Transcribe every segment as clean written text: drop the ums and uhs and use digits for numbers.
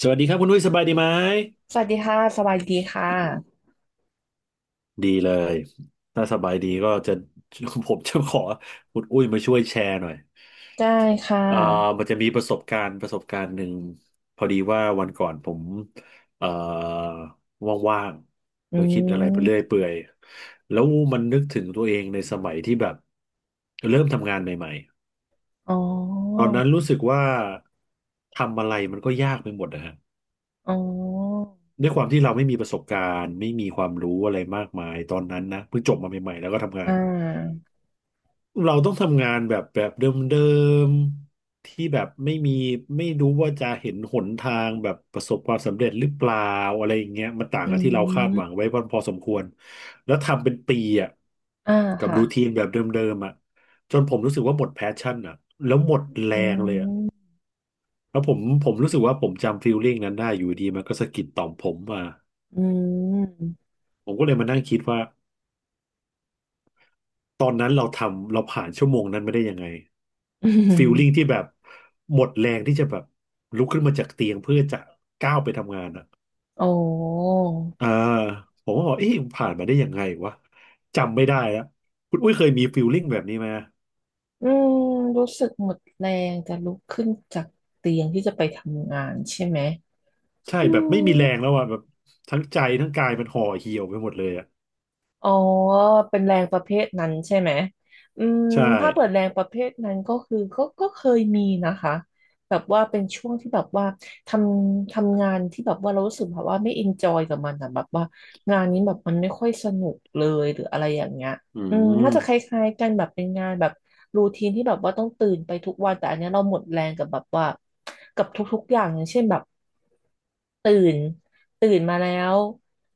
สวัสดีครับคุณนุ้ยสบายดีไหมสวัสดีค่ะสวัสดีค่ะดีเลยถ้าสบายดีก็จะ ผมจะขอคุณอุ้ยมาช่วยแชร์หน่อยได้ค่อ่าะมันจะมีประสบการณ์ประสบการณ์หนึ่งพอดีว่าวันก่อนผมเอ่อว่างๆอืแล้วคิดอะไรไปเรื่อยมเปื่อยแล้วมันนึกถึงตัวเองในสมัยที่แบบเริ่มทำงานใหม่อ๋อๆตอนนั้นรู้สึกว่าทำอะไรมันก็ยากไปหมดนะฮะ อ๋อด้วยความที่เราไม่มีประสบการณ์ไม่มีความรู้อะไรมากมายตอนนั้นนะเพิ่งจบมาใหม่ๆแล้วก็ทำงาอ่นาเราต้องทำงานแบบเดิมๆที่แบบไม่มีไม่รู้ว่าจะเห็นหนทางแบบประสบความสำเร็จหรือเปล่าอะไรอย่างเงี้ยมันต่างอืกับที่เราคาดหวังมไว้พอสมควรแล้วทำเป็นปีอ่ะอ่ากับรูทีค่ะ นแบบเดิมๆอ่ะจนผมรู้สึกว่าหมดแพชชั่นอ่ะแล้วหมดแรอืงเลยอ่ะมแล้วผมรู้สึกว่าผมจำฟีลลิ่งนั้นได้อยู่ดีมันก็สะกิดต่อมผมมาอืม ผมก็เลยมานั่งคิดว่า ตอนนั้นเราผ่านชั่วโมงนั้นมาได้ยังไง อืมฟีลลิ่งที่แบบหมดแรงที่จะแบบลุกขึ้นมาจากเตียงเพื่อจะก้าวไปทำงานอ่ะโอ้อ่าผมก็บอกเอ๊ะผ่านมาได้ยังไงวะจำไม่ได้แล้วคุณอุ้ยเคยมีฟีลลิ่งแบบนี้ไหมอืม รู้สึกหมดแรงจะลุกขึ้นจากเตียงที่จะไปทำงานใช่ไหมใช่อืแบบไม่มีแรงม แล้วอ่ะแบบทั้งใจทั้งกายมันห่อเหี่ยวไปหมดเลยอ่ะอ๋อ เป็นแรงประเภทนั้นใช่ไหมอืมใช่ถ้าเปิดแรงประเภทนั้นก็คือก็เคยมีนะคะ แบบว่าเป็นช่วงที่แบบว่าททำงานที่แบบว่าเรารู้สึกแบบว่าไม่อินจอยกับมันอะแบบว่างานนี้แบบมันไม่ค่อยสนุกเลยหรืออะไรอย่างเงี้ย อือืมน่ามจะคล้ายๆกันแบบเป็นงานแบบรูทีนที่แบบว่าต้องตื่นไปทุกวันแต่อันเนี้ยเราหมดแรงกับแบบว่ากับทุกๆอย่างอย่างเช่นแบบตื่นตื่นมาแล้ว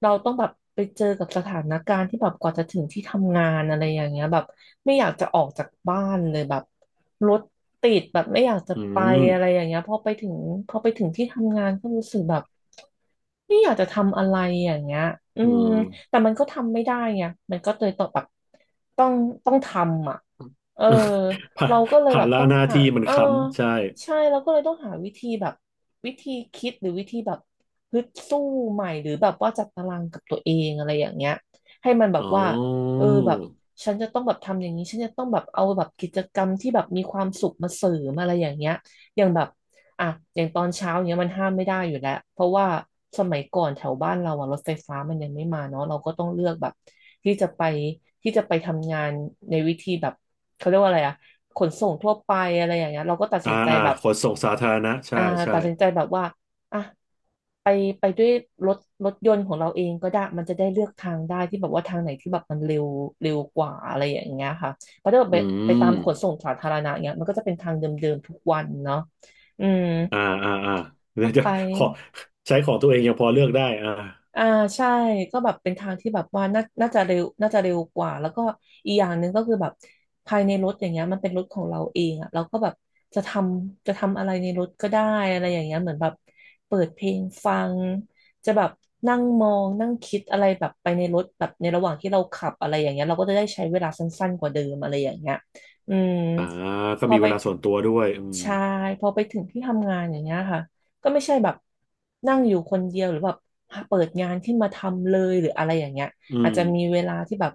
เราต้องแบบไปเจอกับสถานการณ์ที่แบบกว่าจะถึงที่ทำงานอะไรอย่างเงี้ยแบบไม่อยากจะออกจากบ้านเลยแบบรถติดแบบไม่อยากจะอืไปอะไรมอย่างเงี้ยพอไปถึงที่ทำงานก็รู้สึกแบบไม่อยากจะทำอะไรอย่างเงี้ยอือืม ม แต่มันก็ทำไม่ได้ไงมันก็เลยต้องแบบต้องต้องทำอ่ะเออ ผ่านเราก็เลยผ่าแบนบละต้องหน้าหาที่มันเออค้ำใช่ใช่เราก็เลยต้องหาวิธีแบบวิธีคิดหรือวิธีแบบฮึดสู้ใหม่หรือแบบว่าจัดตารางกับตัวเองอะไรอย่างเงี้ยให้มันแบอ๋บว่าเออ อแบบฉันจะต้องแบบทำอย่างนี้ฉันจะต้องแบบเอาแบบกิจกรรมที่แบบมีความสุขมาเสริมอะไรอย่างเงี้ยอย่างแบบ อ่ะอย่างตอนเช้าเนี้ยมันห้ามไม่ได้อยู่แล้วเพราะว่าสมัยก่อนแถวบ้านเราอะรถไฟฟ้ามันยังไม่มาเนาะเราก็ต้องเลือกแบบที่จะไปที่จะไปทำงานในวิธีแบบเขาเรียกว่าอะไรอะขนส่งทั่วไปอะไรอย่างเงี้ยเราก็ตัดสินใจแบบขนส่งสาธารณะใช่อ่าใช่ตัดสินใจแบบว่าอ่ะไปไปด้วยรถรถยนต์ของเราเองก็ได้มันจะได้เลือกทางได้ที่แบบว่าทางไหนที่แบบมันเร็วเร็วกว่าอะไรอย่างเงี้ยค่ะเพราะถ้าแบบอืไปตามมขนส่งสาธารณะเงี้ยมันก็จะเป็นทางเดิมๆทุกวันเนาะ อืมอ่าอ่าอ่าเดี๋ก็ยวจะไปขอใช้ของตัวเองยังพอเลือกได้อ่าอ่าใช่ก็แบบเป็นทางที่แบบว่าน่าจะเร็วกว่าแล้วก็อีกอย่างหนึ่งก็คือแบบภายในรถอย่างเงี้ยมันเป็นรถของเราเองอ่ะเราก็แบบจะทจะทำอะไรในรถก็ได้อะไรอย่างเงี้ยเหมือนแบบเปิดเพลงฟังจะแบบนั่งมองนั่งคิดอะไรแบบไปในรถแบบในระหว่างที่เราขับอะไรอย่างเงี้ยเราก็จะได้ใช้เวลาสั้นๆกว่าเดิมอะไรอย่างเงี้ยอืมอ่าก็พอมีไป เวลาส่วนตัวด้วยอืมใช่พอไปถึงที่ทำงานอย่างเงี้ยค่ะก็ไม่ใช่แบบนั่งอยู่คนเดียวหรือแบบเปิดงานขึ้นมาทำเลยหรืออะไรอย่างเงี้ยอือาจมจะมีเวลาที่แบบ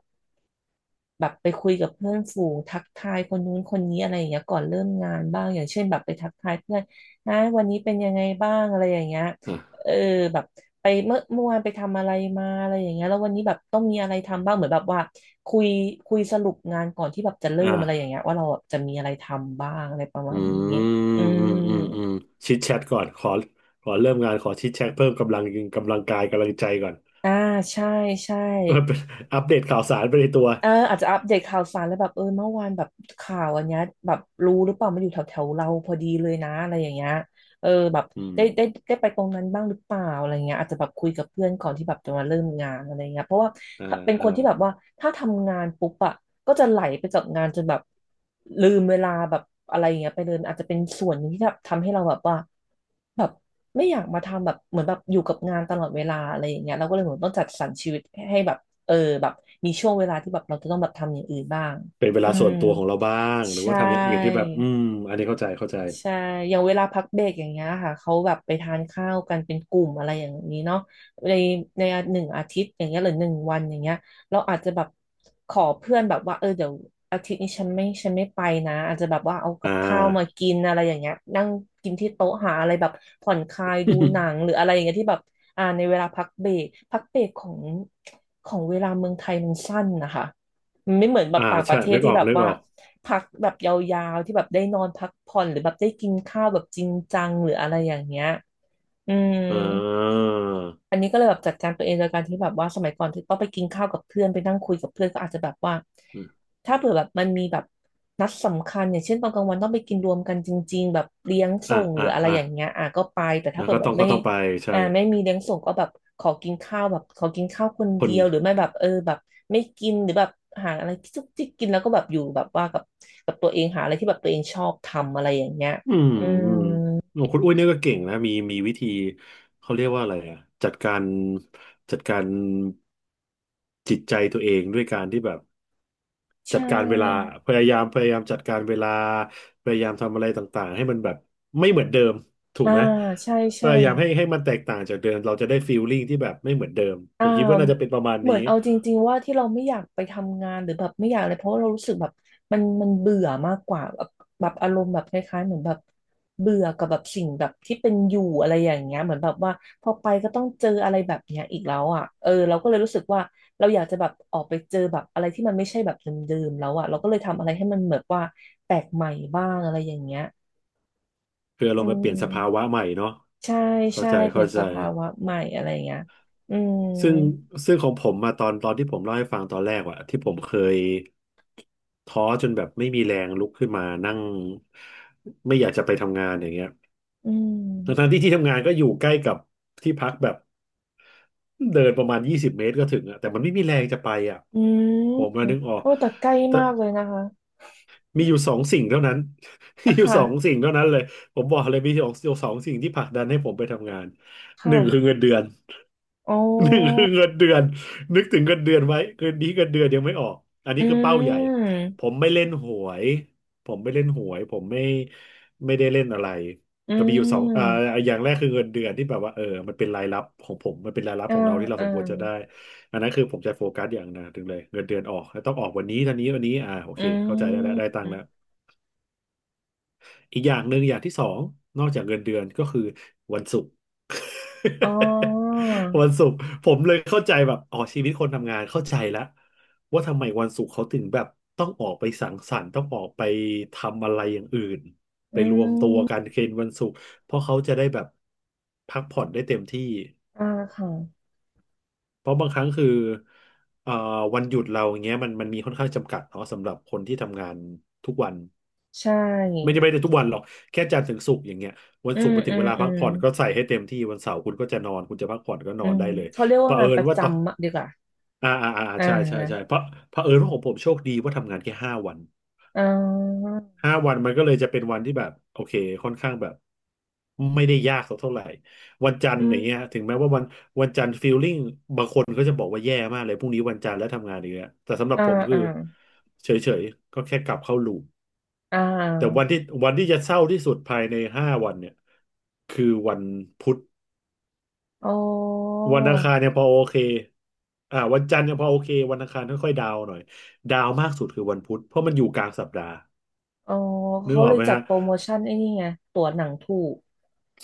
แบบไปคุยกับเพื่อนฝูงทักทายคนนู้นคนนี้อะไรอย่างเงี้ยก่อนเริ่มงานบ้างอย่างเช่นแบบไปทักทายเพื่อนนะวันนี้เป็นยังไงบ้างอะไรอย่างเงี้ยอ่าเออแบบไปเมื่อวานไปทำอะไรมาอะไรอย่างเงี้ยแล้ววันนี้แบบต้องมีอะไรทำบ้างเหมือนแบบว่าคุยคุยสรุปงานก่อนที่แบบจะเริ่อ่มอะไรอย่างเงี้ายว่าเราจะมีอะไรทำบ้างอะไรประอืมาณนี้อืมอืมมอืมอืมชิดแชทก่อนขอเริ่มงานขอชิดแชทเพิ่มกำลังกายกำลังใจก่อน อ่าใช่ใช่ มันเป็นอัปเดตข่าวสารไปในตัวเอออาจจะอัปเดตข่าวสารแล้วแบบเออเมื่อวานแบบข่าวอันเนี้ยแบบรู้หรือเปล่ามันอยู่แถวแถวเราพอดีเลยนะอะไรอย่างเงี้ยเออแบบอืมได้ไปตรงนั้นบ้างหรือเปล่าอะไรเงี้ยอาจจะแบบคุยกับเพื่อนก่อนที่แบบจะมาเริ่มงานอะไรเงี้ยเพราะว่าอ่าถ้าเป็นอ่าคนที่แบบว่าถ้าทำงานปุ๊บอะก็จะไหลไปกับงานจนแบบลืมเวลาแบบอะไรเงี้ยไปเลยอาจจะเป็นส่วนหนึงที่แบบทำให้เราแบบว่าแบบไม่อยากมาทำแบบเหมือนแบบอยู่กับงานตลอดเวลาอะไรอย่างเงี้ยเราก็เลยเหมือนต้องจัดสรรชีวิตให้แบบ เออแบบมีช่วงเวลาที่แบบเราจะต้องแบบทำอย่างอื่นบ้างเป็นเวอืลาส่มวนตัวของเราบ้างหรือใช่ ว่าทำอย่างอื่นที่แบบอืมอันนี้เข้าใจเข้าใจใช่อย่างเวลาพักเบรกอย่างเงี้ยค่ะเขาแบบไปทานข้าวกันเป็นกลุ่มอะไรอย่างนี้เนาะในในหนึ่งอาทิตย์อย่างเงี้ยหรือหนึ่งวันอย่างเงี้ยเราอาจจะแบบขอเพื่อนแบบว่าเออเดี๋ยวอาทิตย์นี้ฉันไม่ไปนะอาจจะแบบว่าเอากัอ่า บข้าวมากินอะไรอย่างเงี้ยนั่งกินที่โต๊ะหาอะไรแบบผ่อนคลายดูหนัง หรืออะไรอย่างเงี้ยที่แบบอ่าในเวลาพักเบรกของเวลาเมืองไทยมันสั้นนะคะ มันไม่เหมือนแบบต่างปใช่ระเทศนึกอที่อกแบบนึกว่าออกพักแบบยาวๆที่แบบได้นอนพักผ่อนหรือแบบได้กินข้าวแบบจริงจังหรืออะไรอย่างเงี้ยอืม อ่าอันนี้ก็เลยแบบจัดการตัวเองโดยการที่แบบว่าสมัยก่อนที่ต้องไปกินข้าวกับเพื่อนไปนั่งคุยกับเพื่อนก็อาจจะแบบว่าอถ้าเผื่อแบบมันมีแบบนัดสำคัญอย่างเช่นตอนกลางวันต้องไปกินรวมกันจริงๆแบบเลี้ยงส่่างหรือ่าออะไรอ่าอย่างเงี้ยอ่ะก็ไปแต่ถ้าเผื่อก็แบต้บองก็ไม่ต้องไปใช่อ่าไม่มีเลี้ยงส่งก็แบบขอกินข้าวแบบขอกินข้าวคนคเดีนยวหรือไม่แบบเออแบบไม่กินหรือแบบหาอะไรที่จุกจิกกินแล้วก็แบบอยู่แบบว่ากับตัวเองหาอะไรที่แบบตัวเองชอบทำอะไรอย่างเงี้ยอืมอืมอืมโอ้คุณอุ้ยเนี่ยก็เก่งนะมีวิธีเขาเรียกว่าอะไรอ่ะจัดการจิตใจตัวเองด้วยการที่แบบจัใช่ดการเวลาพยายามจัดการเวลาพยายามทำอะไรต่างๆให้มันแบบไม่เหมือนเดิมถูกอ่าไหมใช่พใช่ ยายามให้มันแตกต่างจากเดิมเราจะได้ฟีลลิ่งที่แบบไม่เหมือนเดิมผอ่ามคิดว่าน่าจะเป็นประมาณเหมืนี้ อนเอาจริงๆว่าที่เราไม่อยากไปทำงานหรือแบบไม่อยากอะไรเพราะว่าเรารู้สึกแบบมันเบื่อมากกว่าแบบแบบอารมณ์แบบคล้ายๆเหมือนแบบเบื่อกับแบบสิ่งแบบที่เป็นอยู่อะไรอย่างเงี้ยเหมือนแบบว่าพอไปก็ต้องเจออะไรแบบเนี้ยอีกแล้วอ่ะเออเราก็เลยรู้สึกว่าเราอยากจะแบบออกไปเจอแบบอะไรที่มันไม่ใช่แบบเดิมๆแล้วอ่ะเราก็เลยทำอะไรให้มันเหมือนว่าแปลกใหม่บ้างอะไรอย่างเงี้ยคืออืเรามาเปลี่ยนสภาวะมใหม่เนาะใช่เข้าใช่ใจเปลี่เข้ายนใจสภาวะใหม่อะไรอย่างเงี้ยอืมซึ่งซึ่งของผมมาตอนที่ผมเล่าให้ฟังตอนแรกอะที่ผมเคยท้อจนแบบไม่มีแรงลุกขึ้นมานั่งไม่อยากจะไปทำงานอย่างเงี้ยอืทั้งๆม ที่ที่ทำงานก็อยู่ใกล้กับที่พักแบบเดินประมาณ20 เมตรก็ถึงอะแต่มันไม่มีแรงจะไปอะอืมผมมานึกออกโอ้แต่ใกล้แต่มากเลยนะคะมีอยู่สองสิ่งเท่านั้น มีอะอยู่ค่ะสองสิ่งเท่านั้นเลยผมบอกเลยมีสองสิ่งที่ผลักดันให้ผมไปทำงานหค่ะนึ่งคือเงินเดือน อ๋อหนึ่งคือเงินเดือนนึกถึงเงินเดือนไว้คืนนี้เงินเดือนยังไม่ออกอันอืนี้คือเป้าใหญ่ผมมไม่เล่นหวยผมไม่ได้เล่นอะไรอืแต่มีอยู่สองอ่ามอย่างแรกคือเงินเดือนที่แบบว่าเออมันเป็นรายรับของผมมันเป็นรายรับอ่าของเราที่เราอ่าสมควรจะได้อันนั้นคือผมจะโฟกัสอย่างหนะถึงเลยเงินเดือนออกแล้วต้องออกวันนี้เท่านี้วันนี้อ่าโออืเคเข้าใจได้แล้วได้มตังค์แล้ว อีกอย่างหนึ่งอย่างที่สองนอกจากเงินเดือนก็คือวันศุกร์ อ๋อ วันศุกร์ผมเลยเข้าใจแบบอ๋อชีวิตคนทำงานเข้าใจแล้วว่าทำไมวันศุกร์เขาถึงแบบต้องออกไปสังสรรค์ต้องออกไปทำอะไรอย่างอื่นไปอืรวมตัวกัมนเคนวันศุกร์เพราะเขาจะได้แบบพักผ่อนได้เต็มที่อ่าค่ะเพราะบางครั้งคือเอ่อวันหยุดเราอย่างเงี้ยมันมีค่อนข้างจำกัดเนาะสำหรับคนที่ทำงานทุกวัน ใชไม่่ได้ไม่ได้ทุกวันหรอกแค่จันทร์ถึงศุกร์อย่างเงี้ยวันอืศุกมร์มาถึอืงมเวลาอืพักมผ่อนก็ใส่ให้เต็มที่วันเสาร์คุณก็จะนอนคุณจะพักผ่อนก็นอือนมได้เลยเขาเรียกเผว่างาอินปญระว่าต่อจำอะดีกว่าอ่าอ่าอ่าอ่ใช่ใช่ใช่าเพราะเผอิญว่าของผมโชคดีว่าทำงานแค่ห้าวันอ่าห้าวันมันก็เลยจะเป็นวันที่แบบโอเคค่อนข้างแบบไม่ได้ยากสักเท่าไหร่วันจันทร์อือมย่างเงี้ยถึงแม้ว่าวันจันทร์ฟีลลิ่งบางคนก็จะบอกว่าแย่มากเลยพรุ่งนี้วันจันทร์แล้วทำงานอีกแล้วแต่สำหรับอ่าผมคือ่าอเฉยๆก็แค่กลับเข้าลูป อ่แต่วันาที่วันที่จะเศร้าที่สุดภายในห้าวันเนี่ยคือวันพุธอ๋อวันอังคารเนี่ยพอโอเควันจันทร์เนี่ยพอโอเควันอังคารค่อยๆดาวน์หน่อยดาวน์มากสุดคือวันพุธเพราะมันอยู่กลางสัปดาห์อ๋อนึกเขาอเลอกยไหมจัดฮะ โปรโมชั่นไอ้นี่ไงตั๋วหนังถูก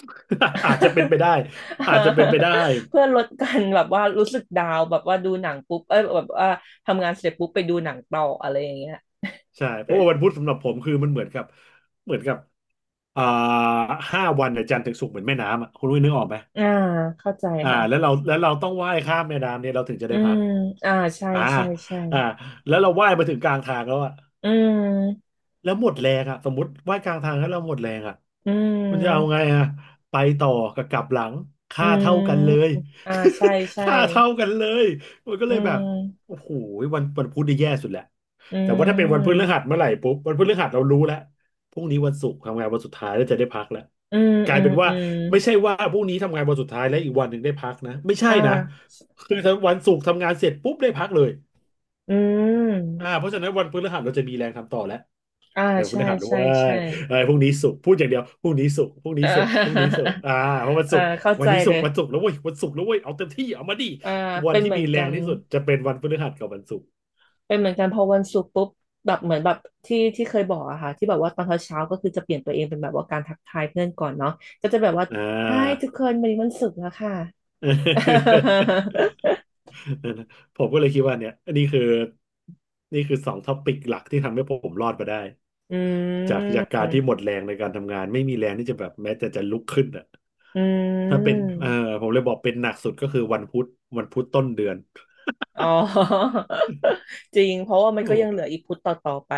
อาจจะเป็นไปได้อาจจะเป็นไปได้เพื่อลดการแบบว่ารู้สึกดาวน์แบบว่าดูหนังปุ๊บเอ้ยแบบว่าทำงานเสร็จปุ๊บไปดูหนังต่ออะไรอย่างเงี้ยใช่เพราะว่าวันพุธสำหรับผมคือมันเหมือนกับเหมือนกับอ่าห้าวันเนี่ยจันทร์ถึงศุกร์เหมือนแม่น้ำอ่ะคุณรู้ยนึกออกไหมอ่าเข้าใจแล้วค่ะเราแล้วเราต้องว่ายข้ามแม่น้ำเนี่ยเราถึงจะอืได้พัมกอ่าใช่อ่าใช่ใช่อ่าแล้วเราว่ายมาถึงกลางทางแล้วอ่ะ อืมแล้วหมดแรงอ่ะสมมติว่ายกลางทางแล้วเราหมดแรงอ่ะอืคุณจะเอาไงมอ่ะไปต่อกับกลับหลังอืค่ามเท่ากันเลย อ่าใช่ ใช่ค่าเท่ากันเลยมันก็อืเลยแบบมโอ้โหวันพุธนี่แย่สุดแหละอืแต่ว่าถ้าเป็นวันพฤมหัสเมื่อไหร่ปุ๊บวันพฤหัสเรารู้แล้วพรุ่งนี้วันศุกร์ทำงานวันสุดท้ายแล้วจะได้พักแล้วอืมกลาอืยมเป็นว่าอืมไม่ใช่ว่าพรุ่งนี้ทำงานวันสุดท้ายแล้วอีกวันหนึ่งได้พักนะไม่ใช่อ่นะาคือถ้าวันศุกร์ทำงานเสร็จปุ๊บได้พักเลยอืมเพราะฉะนั้นวันพฤหัสเราจะมีแรงทำต่อแล้ว อ่าเออพใช่ฤหัสด้ใช่วยใช่เออพรุ่งนี้ศุกร์พูดอย่างเดียวพรุ่งนี้ศุกร์พรุ่งเนี้ศุกร์พรุ่งนี้ออศุกร์เพราะวันเอศุอกร์เข้าวันใจนี้ศุเลกร์ยวันศุกร์แล้วเว้ยวันศุกร์แล้วเว้ยเอาเต็มที่เอามาดิอ่าวันเป็นที่เหมือมีนแรกังน ที่สุดจะเป็นวันพฤหัสกับวันศุกร์เป็นเหมือนกันพอวันศุกร์ปุ๊บแบบเหมือนแบบที่เคยบอกอะค่ะที่แบบว่าตอนเช้าเช้าก็คือจะเปลี่ยนตัวเองเป็นแบบว่าการทักทายเพื่อนก่อนเนาะก็จะแบบว่า อ่า Hi ทุกคนวันนี้วันศุกร์แล้วค่ะ ผมก็เลยคิดว่าเนี่ยนี่คือนี่คือสองท็อปิกหลักที่ทำให้ผมรอดมาได้อืจากการที่หมมดแรงในการทำงานไม่มีแรงที่จะแบบแม้แต่จะลุกขึ้นอ่ะอืถ้าเป็นมผมเลยบอกเป็นหนักสุดก็คือวันพุธวันพุธต้นเดือน อ๋ อ จริงเพราะว่ามันโอ้ก็ยังเหลืออีกพุธต่อๆไป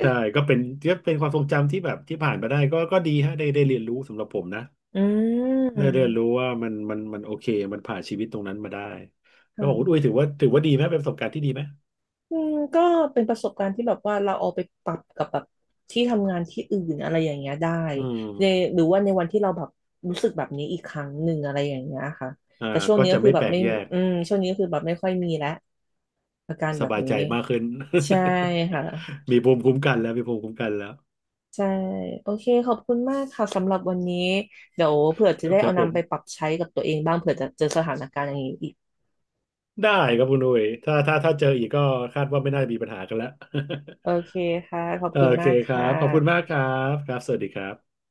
ใช่ก็เป็นก็เป็นความทรงจำที่แบบที่ผ่านมาได้ก็ดีฮะได้เรียนรู้สำหรับผมนะอืได้เรียนรู้มว่ามันโอเคมันผ่านชีวิตตรงนั้นมาได้คแล้วของคุณอุ้ยถื่ะ อว่าถือว่าดีไหมเป็นประสบการณ์ที่ดีไหมอืมก็เป็นประสบการณ์ที่แบบว่าเราเอาไปปรับกับแบบที่ทำงานที่อื่นอะไรอย่างเงี้ยได้อืในมหรือว่าในวันที่เราแบบรู้สึกแบบนี้อีกครั้งหนึ่งอะไรอย่างเงี้ยค่ะอ่าแต่ช่วงก็นี้ก็จะคือไม่แบแปบลกไม่แยกอืมช่วงนี้ก็คือแบบไม่ค่อยมีแล้วอาการสแบบบายใจนี้มากขึ้น ใช่ค่ะ มีภูมิคุ้มกันแล้วมีภูมิคุ้มกันแล้วใช่โอเคขอบคุณมากค่ะสำหรับวันนี้เดี๋ยวเผื่อจะได้ครัเอาบผนำมไปปรับใช้กับตัวเองบ้างเผื่อจะเจอสถานการณ์อย่างนี้อีกได้ครับคุณอุ้ยถ้าเจออีกก็คาดว่าไม่น่ามีปัญหากันแล้ว โอเคค่ะขอบ โอคุณเคมากครัค่ะบขอบคุณมากครับสวัสดีครับ